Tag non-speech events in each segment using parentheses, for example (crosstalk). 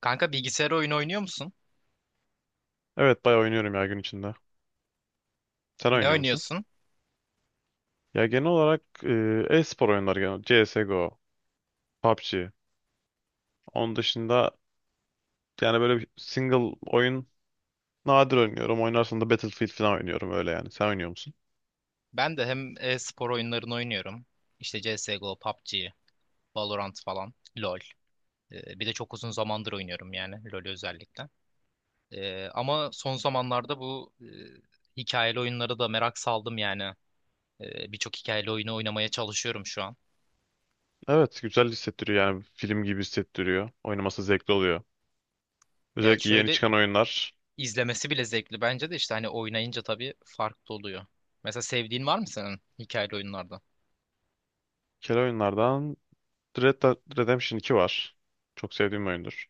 Kanka bilgisayar oyunu oynuyor musun? Evet bayağı oynuyorum ya gün içinde. Sen Ne oynuyor musun? oynuyorsun? Ya genel olarak e-spor oyunları genel. CSGO, PUBG. Onun dışında yani böyle bir single oyun nadir oynuyorum. Oynarsam da Battlefield falan oynuyorum öyle yani. Sen oynuyor musun? Ben de hem e-spor oyunlarını oynuyorum. İşte CSGO, PUBG, Valorant falan, LoL. Bir de çok uzun zamandır oynuyorum yani LoL'ü özellikle. Ama son zamanlarda bu hikayeli oyunlara da merak saldım yani. Birçok hikayeli oyunu oynamaya çalışıyorum şu an. Evet güzel hissettiriyor yani film gibi hissettiriyor. Oynaması zevkli oluyor. Yani Özellikle yeni şöyle, çıkan oyunlar. izlemesi bile zevkli bence de, işte hani oynayınca tabii farklı oluyor. Mesela sevdiğin var mı senin hikayeli oyunlarda? Bir kere oyunlardan Red Dead Redemption 2 var. Çok sevdiğim oyundur.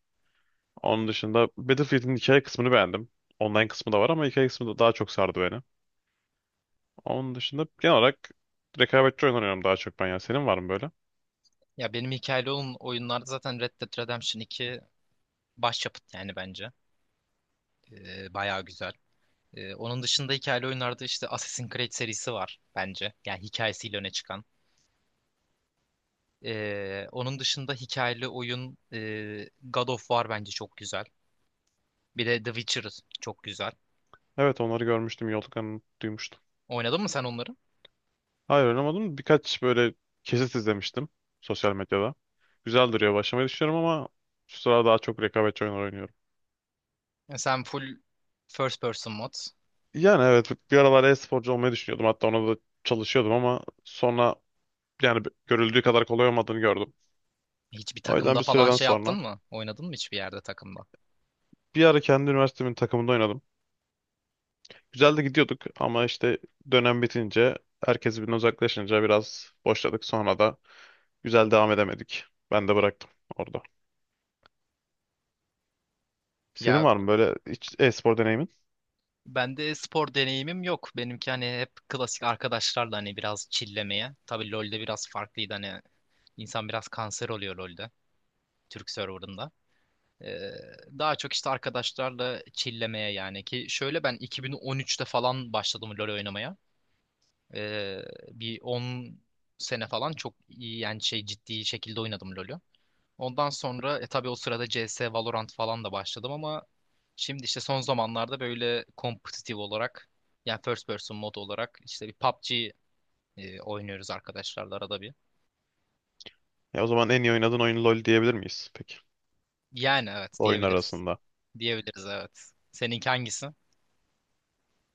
Onun dışında Battlefield'in hikaye kısmını beğendim. Online kısmı da var ama hikaye kısmı da daha çok sardı beni. Onun dışında genel olarak rekabetçi oyun oynuyorum daha çok ben ya. Senin var mı böyle? Ya benim hikayeli oyunlarda zaten Red Dead Redemption 2 başyapıt yani bence. Bayağı güzel. Onun dışında hikayeli oyunlarda işte Assassin's Creed serisi var bence. Yani hikayesiyle öne çıkan. Onun dışında hikayeli oyun God of War bence çok güzel. Bir de The Witcher çok güzel. Evet onları görmüştüm. Yolduklarını duymuştum. Oynadın mı sen onları? Hayır oynamadım. Birkaç böyle kesit izlemiştim sosyal medyada. Güzel duruyor. Başlamayı düşünüyorum ama şu sıra daha çok rekabetçi oyunlar oynuyorum. Ya sen full first person mod. Yani evet bir aralar e-sporcu olmayı düşünüyordum. Hatta ona da çalışıyordum ama sonra yani görüldüğü kadar kolay olmadığını gördüm. Hiçbir O yüzden takımda bir falan süreden şey yaptın sonra mı? Oynadın mı hiçbir yerde takımda? bir ara kendi üniversitemin takımında oynadım. Güzel de gidiyorduk ama işte dönem bitince herkes birbirinden uzaklaşınca biraz boşladık. Sonra da güzel devam edemedik. Ben de bıraktım orada. Senin Ya var mı böyle hiç e-spor deneyimin? bende spor deneyimim yok. Benimki hani hep klasik arkadaşlarla hani biraz çillemeye. Tabii LoL'de biraz farklıydı hani, İnsan biraz kanser oluyor LoL'de. Türk serverında. Ee, Daha çok işte arkadaşlarla çillemeye yani, ki şöyle ben 2013'te falan başladım LoL oynamaya. Ee, Bir 10 sene falan çok iyi yani ciddi şekilde oynadım LoL'ü. Ondan sonra tabii o sırada CS, Valorant falan da başladım ama şimdi işte son zamanlarda böyle kompetitif olarak yani first person mod olarak işte bir PUBG oynuyoruz arkadaşlarla arada bir. Ya o zaman en iyi oynadığın oyun LoL diyebilir miyiz peki Yani evet, oyun diyebiliriz. arasında? Diyebiliriz evet. Seninki hangisi?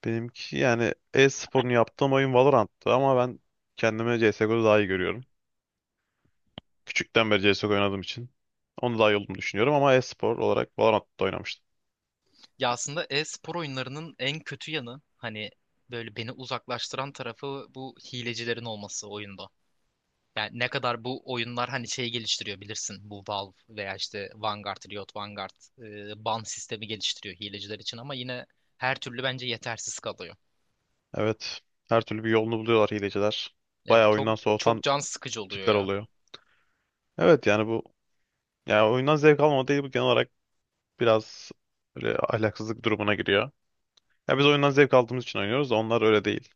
Benimki yani e-sporunu yaptığım oyun Valorant'tı ama ben kendimi CSGO'da daha iyi görüyorum. Küçükten beri CSGO oynadığım için onu daha iyi olduğumu düşünüyorum ama e-spor olarak Valorant'ta oynamıştım. Ya aslında e-spor oyunlarının en kötü yanı, hani böyle beni uzaklaştıran tarafı, bu hilecilerin olması oyunda. Yani ne kadar bu oyunlar hani şey geliştiriyor, bilirsin bu Valve veya işte Vanguard, Riot Vanguard ban sistemi geliştiriyor hileciler için, ama yine her türlü bence yetersiz kalıyor. Evet. Her türlü bir yolunu buluyorlar hileciler. Ya Bayağı oyundan çok soğutan can sıkıcı oluyor tipler ya. oluyor. Evet yani bu ya oyundan zevk almama değil, bu genel olarak biraz böyle ahlaksızlık durumuna giriyor. Ya biz oyundan zevk aldığımız için oynuyoruz da onlar öyle değil.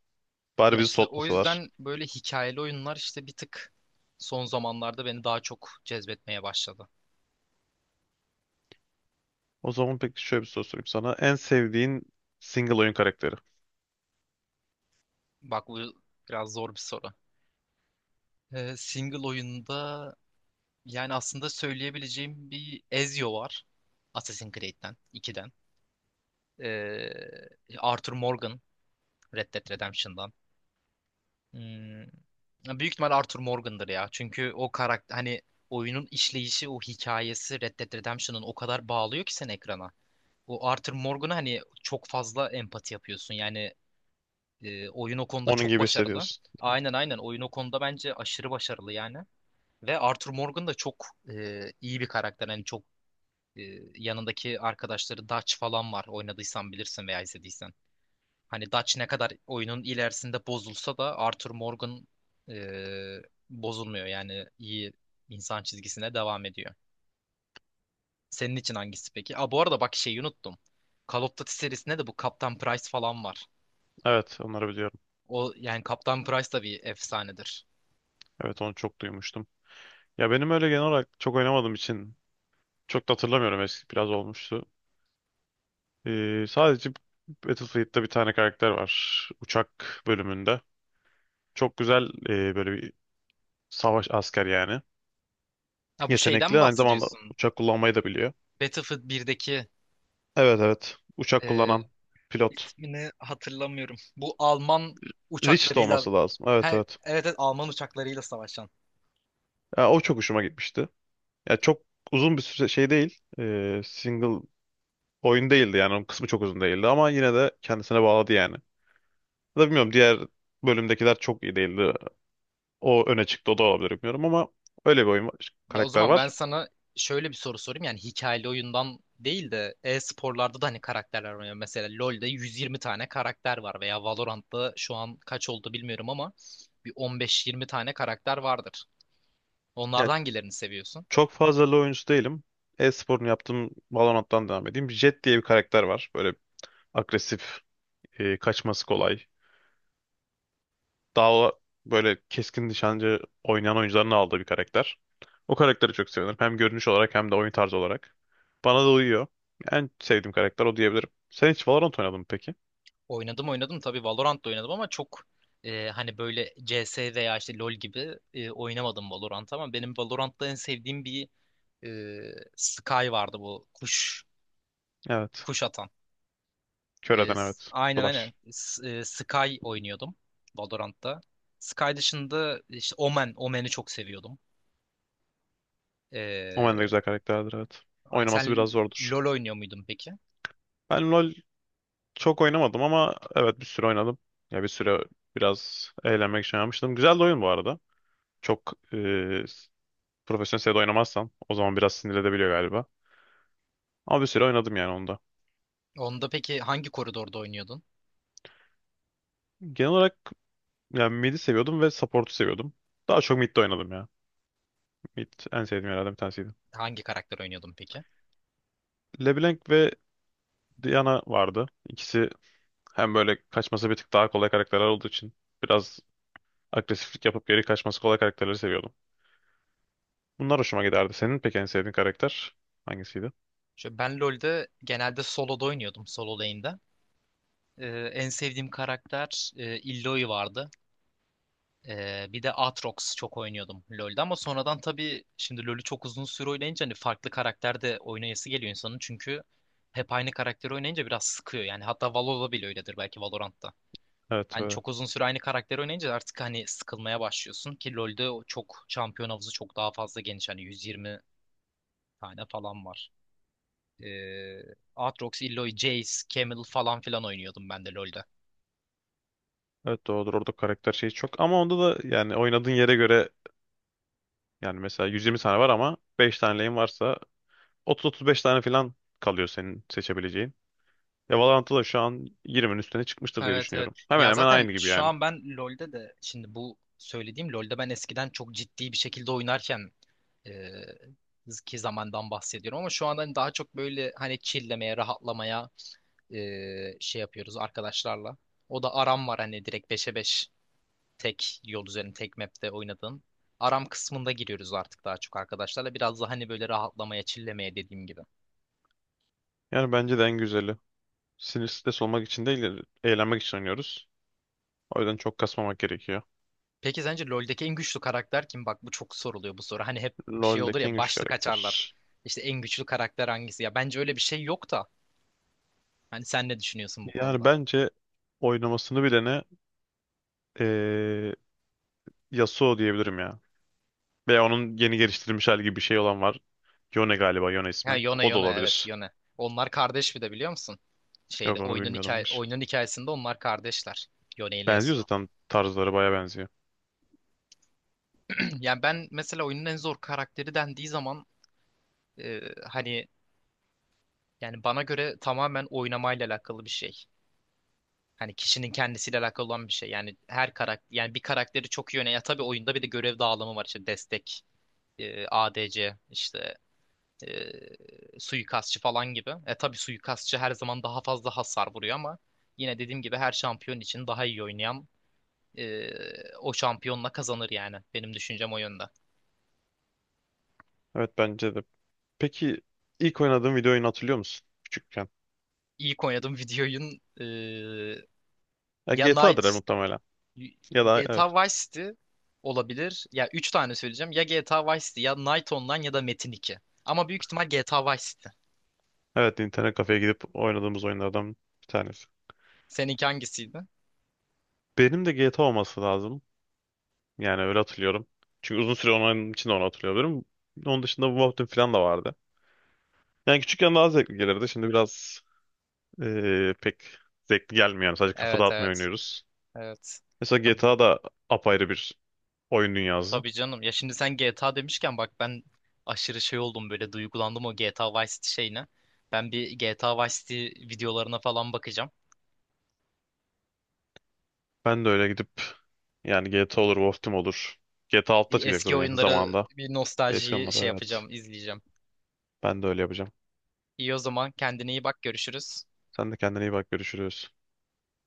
Bari Ya bizi işte o soğutmasalar. yüzden böyle hikayeli oyunlar işte bir tık son zamanlarda beni daha çok cezbetmeye başladı. O zaman peki şöyle bir soru sorayım sana. En sevdiğin single oyun karakteri. Bak bu biraz zor bir soru. Single oyunda yani aslında söyleyebileceğim bir Ezio var. Assassin's Creed'den, ikiden. Ee, Arthur Morgan, Red Dead Redemption'dan. Hmm, Büyük ihtimal Arthur Morgan'dır ya. Çünkü o karakter hani, oyunun işleyişi, o hikayesi Red Dead Redemption'ın, o kadar bağlıyor ki seni ekrana. O Arthur Morgan'a hani çok fazla empati yapıyorsun. Yani oyun o konuda Onun çok gibi başarılı. hissediyorsun. Aynen, aynen, oyun o konuda bence aşırı başarılı yani. Ve Arthur Morgan da çok iyi bir karakter. Hani çok e, yanındaki arkadaşları Dutch falan var. Oynadıysan bilirsin veya izlediysen. Hani Dutch ne kadar oyunun ilerisinde bozulsa da Arthur Morgan e, bozulmuyor. Yani iyi insan çizgisine devam ediyor. Senin için hangisi peki? Aa, bu arada bak şeyi unuttum. Call of Duty serisinde de bu Kaptan Price falan var. Evet onları biliyorum. O yani Kaptan Price da bir efsanedir. Evet onu çok duymuştum. Ya benim öyle genel olarak çok oynamadığım için çok da hatırlamıyorum, eski biraz olmuştu. Sadece Battlefield'da bir tane karakter var. Uçak bölümünde. Çok güzel böyle bir savaş asker yani. Ha bu şeyden mi Yetenekli. Aynı zamanda bahsediyorsun? uçak kullanmayı da biliyor. Battlefield 1'deki Evet evet. Uçak e, kullanan pilot. ismini hatırlamıyorum. Bu Alman Rich de uçaklarıyla olması lazım. her Evet evet. evet Alman uçaklarıyla savaşan. Ya, o çok hoşuma gitmişti. Ya çok uzun bir süre şey değil. Single oyun değildi yani. Onun kısmı çok uzun değildi ama yine de kendisine bağladı yani. Ya da bilmiyorum, diğer bölümdekiler çok iyi değildi. O öne çıktı, o da olabilir bilmiyorum ama öyle bir oyun var, Ya o karakter zaman ben var. sana şöyle bir soru sorayım. Yani hikayeli oyundan değil de e-sporlarda da hani karakterler var. Yani mesela LoL'de 120 tane karakter var veya Valorant'ta şu an kaç oldu bilmiyorum ama bir 15-20 tane karakter vardır. Onlardan Ya, hangilerini seviyorsun? çok fazla LoL oyuncusu değilim. E-sporunu yaptığım Valorant'tan devam edeyim. Jett diye bir karakter var. Böyle agresif, kaçması kolay. Daha o- Böyle keskin nişancı oynayan oyuncuların aldığı bir karakter. O karakteri çok seviyorum. Hem görünüş olarak hem de oyun tarzı olarak. Bana da uyuyor. En sevdiğim karakter o diyebilirim. Sen hiç Valorant oynadın mı peki? Oynadım, oynadım tabii, Valorant'ta oynadım ama çok hani böyle CS veya işte LoL gibi oynamadım Valorant ama benim Valorant'ta en sevdiğim bir e, Sky vardı, bu kuş Evet. Atan. Kör eden, evet. Aynen, Flash. aynen. Sky oynuyordum Valorant'ta. Sky dışında işte Omen, Omen'i çok seviyordum. O de E, güzel karakterdir, evet. Oynaması Sen biraz zordur. LoL oynuyor muydun peki? Ben LoL çok oynamadım ama evet bir süre oynadım. Ya bir süre biraz eğlenmek için yapmıştım. Güzel de oyun bu arada. Çok profesyonel seviyede oynamazsan o zaman biraz sinir edebiliyor galiba. Ama bir süre oynadım yani onda. Onda peki hangi koridorda oynuyordun? Genel olarak yani mid'i seviyordum ve support'u seviyordum. Daha çok mid'de oynadım ya. Mid en sevdiğim yerlerden bir tanesiydi. Hangi karakter oynuyordun peki? LeBlanc ve Diana vardı. İkisi hem böyle kaçması bir tık daha kolay karakterler olduğu için biraz agresiflik yapıp geri kaçması kolay karakterleri seviyordum. Bunlar hoşuma giderdi. Senin peki en sevdiğin karakter hangisiydi? Şöyle ben LoL'de genelde solo'da oynuyordum, solo lane'de. En sevdiğim karakter Illaoi vardı. Bir de Aatrox çok oynuyordum LoL'de, ama sonradan tabii şimdi LoL'ü çok uzun süre oynayınca hani farklı karakter de oynayası geliyor insanın, çünkü hep aynı karakteri oynayınca biraz sıkıyor yani, hatta Valo'da bile öyledir belki, Valorant'ta. Evet, Hani çok uzun süre aynı karakteri oynayınca artık hani sıkılmaya başlıyorsun, ki LoL'de o çok şampiyon havuzu çok daha fazla geniş, hani 120 tane falan var. Ee, Aatrox, Illaoi, Jayce, Camel falan filan oynuyordum ben de LoL'de. evet doğrudur. Orada karakter şeyi çok. Ama onda da yani oynadığın yere göre, yani mesela 120 tane var ama 5 tane lane varsa 30-35 tane falan kalıyor senin seçebileceğin. Ya Valorant'ta da şu an 20'nin üstüne çıkmıştır diye Evet, evet. düşünüyorum. Hemen Ya hemen zaten aynı gibi şu yani. an ben LoL'de de, şimdi bu söylediğim LoL'de ben eskiden çok ciddi bir şekilde oynarken e, ki zamandan bahsediyorum, ama şu anda hani daha çok böyle hani chill'lemeye, rahatlamaya yapıyoruz arkadaşlarla. O da aram var, hani direkt beşe 5 tek yol üzerinde tek map'te oynadığım. Aram kısmında giriyoruz artık daha çok arkadaşlarla. Biraz da hani böyle rahatlamaya, chill'lemeye, dediğim gibi. Yani bence de en güzeli. Sinir stres olmak için değil, eğlenmek için oynuyoruz. O yüzden çok kasmamak gerekiyor. Peki sence LoL'deki en güçlü karakter kim? Bak bu çok soruluyor bu soru. Hani hep şey olur LoL'deki en ya, güçlü başlık açarlar. karakter. İşte en güçlü karakter hangisi? Ya bence öyle bir şey yok da. Hani sen ne düşünüyorsun bu Yani konuda? bence oynamasını bilene eee Yasuo diyebilirim ya. Veya onun yeni geliştirilmiş hali gibi bir şey olan var. Yone galiba, Yone Ha ismi. Yone, O da evet olabilir. Yone. Onlar kardeş bir de, biliyor musun? Yok, Şeyde, onu bilmiyordum, hayır. oyunun hikayesinde onlar kardeşler. Yone ile Benziyor Yasuo. zaten, tarzları baya benziyor. (clears throat) Yani ben mesela oyunun en zor karakteri dendiği zaman e, hani yani bana göre tamamen oynamayla alakalı bir şey. Hani kişinin kendisiyle alakalı olan bir şey. Yani her karakter, yani bir karakteri çok iyi oynayan. Ya tabii oyunda bir de görev dağılımı var işte destek, ADC, işte suikastçı falan gibi. E tabii suikastçı her zaman daha fazla hasar vuruyor ama yine dediğim gibi her şampiyon için daha iyi oynayan e, o şampiyonla kazanır yani. Benim düşüncem o yönde. Evet, bence de. Peki ilk oynadığın video oyunu hatırlıyor musun? Küçükken. İlk oynadığım (laughs) video oyun e, Ya ya GTA'dır Knight muhtemelen. Ya da GTA evet. Vice City olabilir. Ya üç tane söyleyeceğim. Ya GTA Vice City, ya Night Online, ya da Metin 2. Ama büyük ihtimal GTA Vice City. Evet, internet kafeye gidip oynadığımız oyunlardan bir tanesi. Seninki hangisiydi? Benim de GTA olması lazım. Yani öyle hatırlıyorum. Çünkü uzun süre onun için de onu hatırlıyorum. Onun dışında Wolfenstein falan da vardı. Yani küçükken daha zevkli gelirdi. Şimdi biraz pek zevkli gelmiyor. Yani sadece kafa Evet, dağıtmayı evet. oynuyoruz. Evet. Mesela Ya, bu- GTA da apayrı bir oyun dünyası. tabii canım. Ya şimdi sen GTA demişken bak, ben aşırı şey oldum, böyle duygulandım o GTA Vice City şeyine. Ben bir GTA Vice City videolarına falan bakacağım. Ben de öyle gidip yani GTA olur, Wolfenstein olur. GTA 6 da Bir çıkacak eski zaten yakın oyunları, zamanda. bir Eski nostaljiyi şey onlara evet. yapacağım, izleyeceğim. Ben de öyle yapacağım. İyi o zaman, kendine iyi bak, görüşürüz. Sen de kendine iyi bak. Görüşürüz.